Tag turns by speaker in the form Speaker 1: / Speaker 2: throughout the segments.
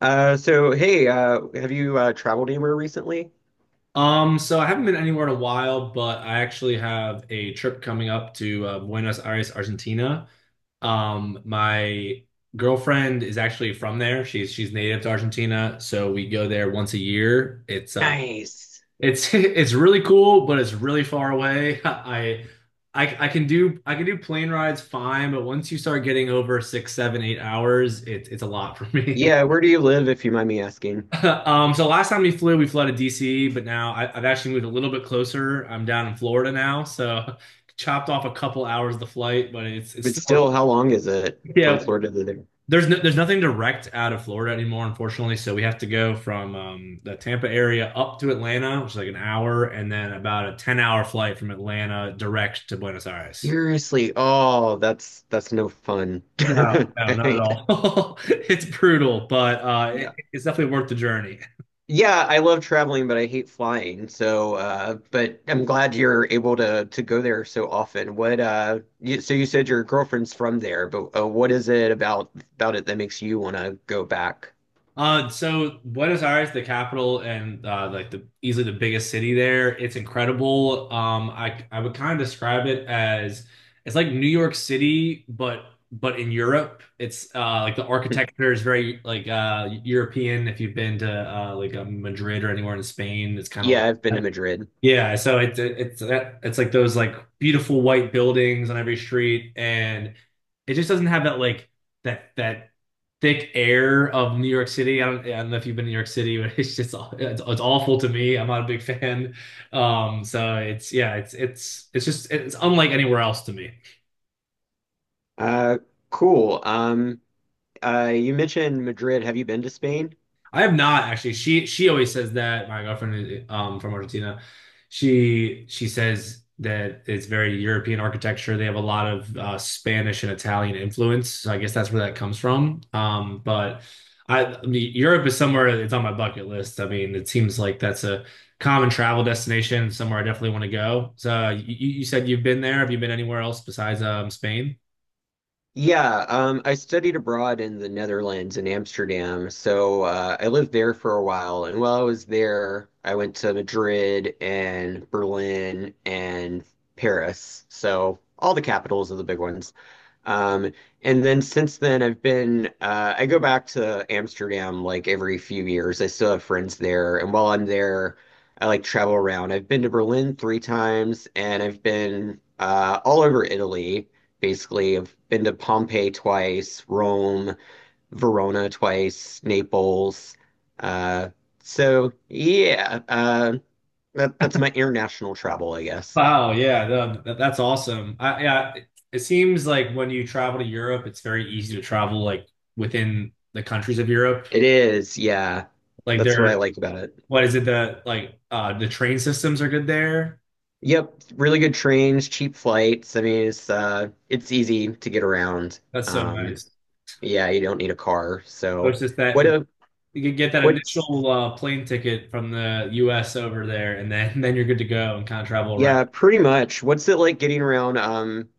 Speaker 1: So hey, have you traveled anywhere recently?
Speaker 2: So I haven't been anywhere in a while, but I actually have a trip coming up to Buenos Aires, Argentina. My girlfriend is actually from there. She's native to Argentina, so we go there once a year.
Speaker 1: Nice.
Speaker 2: It's It's really cool, but it's really far away. I can do I can do plane rides fine, but once you start getting over 6, 7, 8 hours, it's a lot for me.
Speaker 1: Yeah, where do you live, if you mind me asking?
Speaker 2: So last time we flew, to DC, but now I've actually moved a little bit closer. I'm down in Florida now, so chopped off a couple hours of the flight, but it's
Speaker 1: But
Speaker 2: still.
Speaker 1: still, how long is it from
Speaker 2: Yeah.
Speaker 1: Florida to there?
Speaker 2: There's nothing direct out of Florida anymore, unfortunately. So we have to go from the Tampa area up to Atlanta, which is like an hour, and then about a 10 hour flight from Atlanta direct to Buenos Aires.
Speaker 1: Seriously, oh, that's no fun.
Speaker 2: No, no,
Speaker 1: I
Speaker 2: not at
Speaker 1: hate-
Speaker 2: all. It's brutal, but
Speaker 1: Yeah.
Speaker 2: it's definitely worth the journey.
Speaker 1: Yeah, I love traveling, but I hate flying. So, but I'm glad you're able to go there so often. So you said your girlfriend's from there, but what is it about it that makes you want to go back?
Speaker 2: So Buenos Aires, the capital and like the easily the biggest city there. It's incredible. I would kind of describe it as it's like New York City, but in Europe. It's like the architecture is very like European. If you've been to like Madrid or anywhere in Spain, it's kind of like,
Speaker 1: Yeah, I've been to Madrid.
Speaker 2: yeah, so it's that it's like those like beautiful white buildings on every street, and it just doesn't have that like that thick air of New York City. I don't know if you've been to New York City, but it's just it's awful to me. I'm not a big fan. So it's yeah, it's just it's unlike anywhere else to me.
Speaker 1: Uh, cool. You mentioned Madrid. Have you been to Spain?
Speaker 2: I have not actually. She always says that my girlfriend is from Argentina. She says that it's very European architecture. They have a lot of Spanish and Italian influence. So I guess that's where that comes from. But I mean, Europe is somewhere it's on my bucket list. I mean, it seems like that's a common travel destination, somewhere I definitely want to go. So you said you've been there. Have you been anywhere else besides Spain?
Speaker 1: Yeah, I studied abroad in the Netherlands in Amsterdam. So I lived there for a while. And while I was there, I went to Madrid and Berlin and Paris. So all the capitals of the big ones. Um, and then since then, I've been, I go back to Amsterdam like every few years. I still have friends there. And while I'm there, I like travel around. I've been to Berlin 3 times and I've been all over Italy, basically. I've been to Pompeii twice, Rome, Verona twice, Naples. Uh, so yeah, that's my international travel, I guess.
Speaker 2: Wow, yeah, no, that's awesome. Yeah, it seems like when you travel to Europe, it's very easy to travel like within the countries of Europe.
Speaker 1: It is, yeah.
Speaker 2: Like
Speaker 1: That's what I like about it.
Speaker 2: what is it that like the train systems are good there?
Speaker 1: Yep, really good trains, cheap flights. I mean, it's easy to get around.
Speaker 2: That's so
Speaker 1: Um,
Speaker 2: nice.
Speaker 1: yeah, you don't need a car.
Speaker 2: So
Speaker 1: So
Speaker 2: it's just that
Speaker 1: what a
Speaker 2: you can get that
Speaker 1: what's
Speaker 2: initial plane ticket from the US over there, and then then you're good to go and kind of travel around.
Speaker 1: yeah, pretty much. What's it like getting around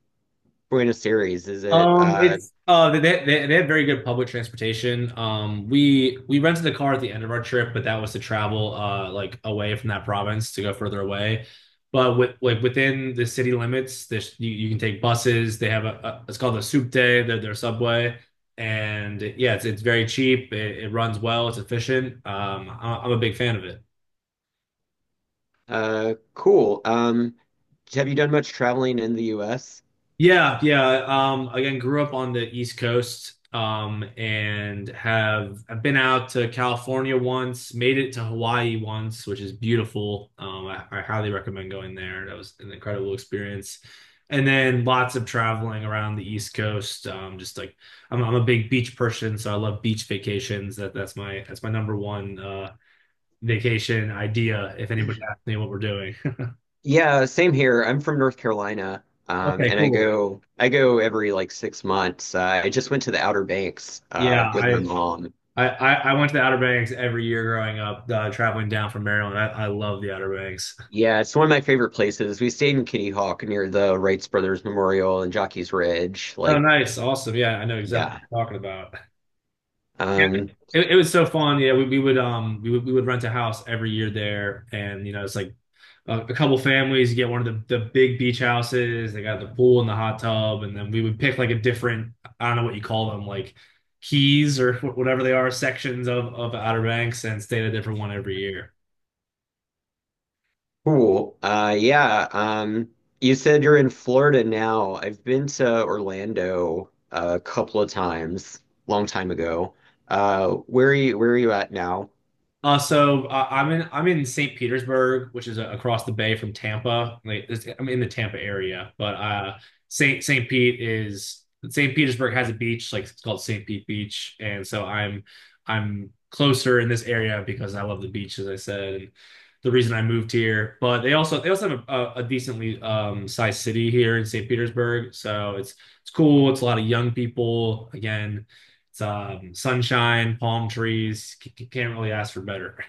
Speaker 1: Buenos Aires? Is it
Speaker 2: It's they have very good public transportation. We rented a car at the end of our trip, but that was to travel like away from that province to go further away. But with like within the city limits, you can take buses. They have a it's called the Souk Day, their subway, and yeah, it's very cheap. It runs well. It's efficient. I'm a big fan of it.
Speaker 1: cool. Have you done much traveling in the US?
Speaker 2: Yeah, yeah. Again, grew up on the East Coast, and have I've been out to California once, made it to Hawaii once, which is beautiful. I highly recommend going there. That was an incredible experience. And then lots of traveling around the East Coast. Just like I'm a big beach person, so I love beach vacations. That's my number one vacation idea. If anybody asks me what we're doing.
Speaker 1: Yeah, same here. I'm from North Carolina. Um,
Speaker 2: Okay,
Speaker 1: and I
Speaker 2: cool.
Speaker 1: go I go every like 6 months. I just went to the Outer Banks
Speaker 2: Yeah,
Speaker 1: with my
Speaker 2: I
Speaker 1: mom.
Speaker 2: I, I, I went to the Outer Banks every year growing up, traveling down from Maryland. I love the Outer Banks.
Speaker 1: Yeah, it's one of my favorite places. We stayed in Kitty Hawk near the Wrights Brothers Memorial and Jockey's Ridge.
Speaker 2: Oh,
Speaker 1: Like,
Speaker 2: nice, awesome. Yeah, I know exactly
Speaker 1: yeah.
Speaker 2: what you're talking about. Yeah,
Speaker 1: Um,
Speaker 2: it was so fun. Yeah, we would rent a house every year there, and it's like a couple families get one of the big beach houses. They got the pool and the hot tub, and then we would pick like a different, I don't know what you call them, like keys or whatever they are, sections of Outer Banks, and stay at a different one every year.
Speaker 1: cool. Yeah. You said you're in Florida now. I've been to Orlando a couple of times, long time ago. Where are you at now?
Speaker 2: I'm in St. Petersburg, which is across the bay from Tampa. Like, I'm in the Tampa area, but St. Pete is, St. Petersburg has a beach, like it's called St. Pete Beach, and so I'm closer in this area because I love the beach, as I said, and the reason I moved here. But they also have a decently sized city here in St. Petersburg, so it's cool. It's a lot of young people, again, it's sunshine, palm trees. Can't really ask for better.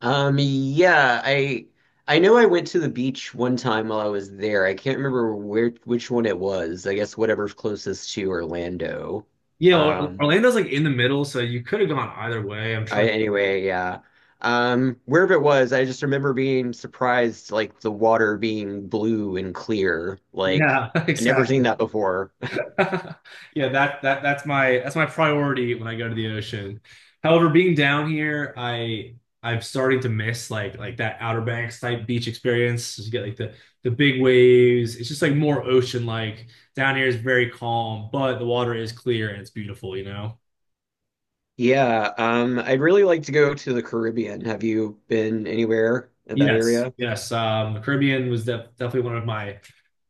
Speaker 1: Yeah, I know I went to the beach one time while I was there. I can't remember where which one it was. I guess whatever's closest to Orlando.
Speaker 2: Yeah, Or-
Speaker 1: Um,
Speaker 2: Orlando's like in the middle, so you could have gone either way. I'm
Speaker 1: I
Speaker 2: trying to.
Speaker 1: Anyway, yeah. Wherever it was, I just remember being surprised, like the water being blue and clear. Like
Speaker 2: Yeah,
Speaker 1: I'd never seen
Speaker 2: exactly.
Speaker 1: that before.
Speaker 2: Yeah, that's my priority when I go to the ocean. However, being down here, I'm starting to miss like that Outer Banks type beach experience. You get like the big waves. It's just like more ocean like. Down here is very calm, but the water is clear and it's beautiful, you know?
Speaker 1: Yeah, I'd really like to go to the Caribbean. Have you been anywhere in that
Speaker 2: Yes,
Speaker 1: area?
Speaker 2: yes. The Caribbean was definitely one of my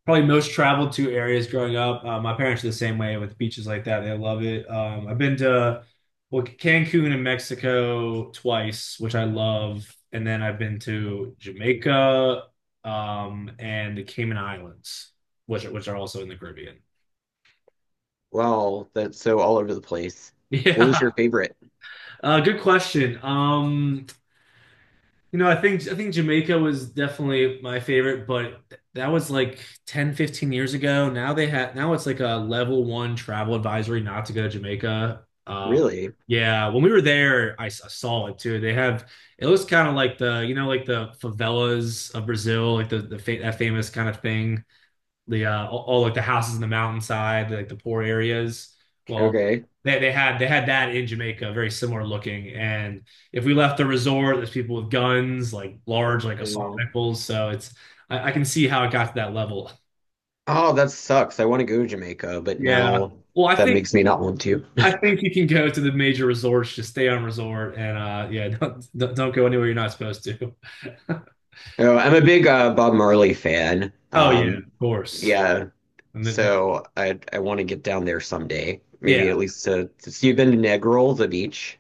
Speaker 2: probably most traveled to areas growing up. My parents are the same way with beaches like that. They love it. I've been to, well, Cancun in Mexico twice, which I love, and then I've been to Jamaica, and the Cayman Islands, which are also in the Caribbean.
Speaker 1: Wow, that's so all over the place. What was your
Speaker 2: Yeah,
Speaker 1: favorite?
Speaker 2: good question. I think Jamaica was definitely my favorite, but that was like 10, 15 years ago. Now it's like a level one travel advisory not to go to Jamaica.
Speaker 1: Really?
Speaker 2: Yeah, when we were there, I saw it too. They have it looks kind of like the you know like the favelas of Brazil, like the fa that famous kind of thing, the like the houses in the mountainside, like the poor areas. Well,
Speaker 1: Okay.
Speaker 2: they had that in Jamaica, very similar looking. And if we left the resort, there's people with guns, like large, like assault
Speaker 1: Oh,
Speaker 2: rifles. So I can see how it got to that level.
Speaker 1: oh, that sucks. I want to go to Jamaica, but
Speaker 2: Yeah.
Speaker 1: now
Speaker 2: Well, I
Speaker 1: that
Speaker 2: think
Speaker 1: makes me not want to.
Speaker 2: I think you can go to the major resorts, just stay on resort, and yeah, don't go anywhere you're not supposed to.
Speaker 1: Oh, I'm a big Bob Marley fan.
Speaker 2: Oh yeah, of course.
Speaker 1: Yeah.
Speaker 2: And then,
Speaker 1: So I want to get down there someday.
Speaker 2: yeah.
Speaker 1: Maybe at least to see. You've been to Negril, the beach.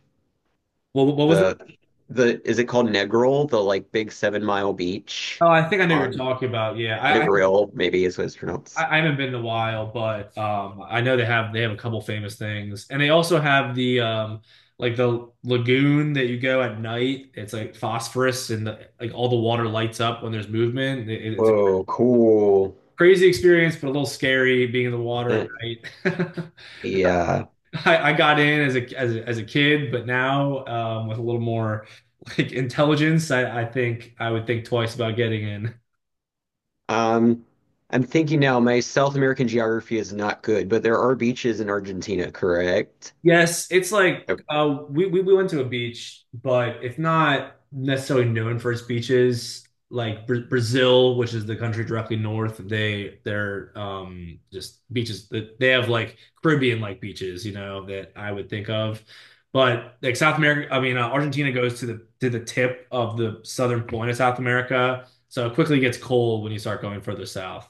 Speaker 2: Well, what was
Speaker 1: The
Speaker 2: that?
Speaker 1: the is it called Negril? The like big 7 mile beach
Speaker 2: Oh, I think I know what you're
Speaker 1: on
Speaker 2: talking about. Yeah,
Speaker 1: Negril, maybe is what it's pronounced.
Speaker 2: haven't been in a while, but I know they have a couple famous things, and they also have the like the lagoon that you go at night. It's like phosphorus, and like all the water lights up when there's movement. It's a
Speaker 1: Whoa, cool.
Speaker 2: crazy experience, but a little scary being in the water at
Speaker 1: Eh,
Speaker 2: night.
Speaker 1: yeah.
Speaker 2: I got in as a kid, but now with a little more like intelligence, I think I would think twice about getting in.
Speaker 1: Um, I'm thinking now, my South American geography is not good, but there are beaches in Argentina, correct?
Speaker 2: Yes, it's like
Speaker 1: Yep.
Speaker 2: we went to a beach, but it's not necessarily known for its beaches. Like Brazil, which is the country directly north, they're just beaches that they have, like Caribbean like beaches, that I would think of. But like South America, I mean, Argentina goes to the tip of the southern point of South America, so it quickly gets cold when you start going further south.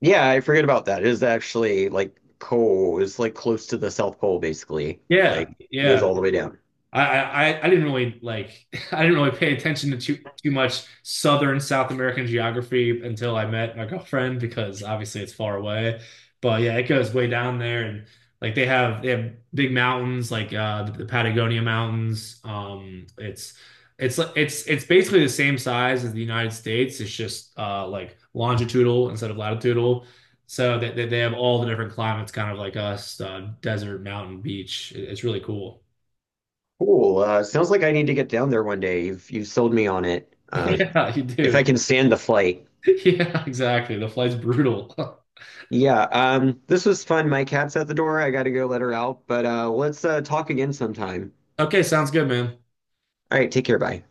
Speaker 1: Yeah, I forget about that. It is actually like pole. It's like close to the South Pole, basically.
Speaker 2: Yeah,
Speaker 1: Like goes
Speaker 2: yeah.
Speaker 1: all the way down.
Speaker 2: I I didn't really like, I didn't really pay attention to too much Southern South American geography until I met my girlfriend, because obviously it's far away. But yeah, it goes way down there, and like they have big mountains, like the Patagonia Mountains. It's like it's basically the same size as the United States. It's just like longitudinal instead of latitudinal. So they have all the different climates, kind of like us, desert, mountain, beach. It's really cool.
Speaker 1: Cool. Sounds like I need to get down there one day. You've sold me on it.
Speaker 2: Yeah, you
Speaker 1: If I
Speaker 2: do.
Speaker 1: can stand the flight.
Speaker 2: Yeah, exactly. The flight's brutal.
Speaker 1: Yeah, this was fun. My cat's at the door. I gotta go let her out, but let's talk again sometime.
Speaker 2: Okay, sounds good, man.
Speaker 1: All right, take care. Bye.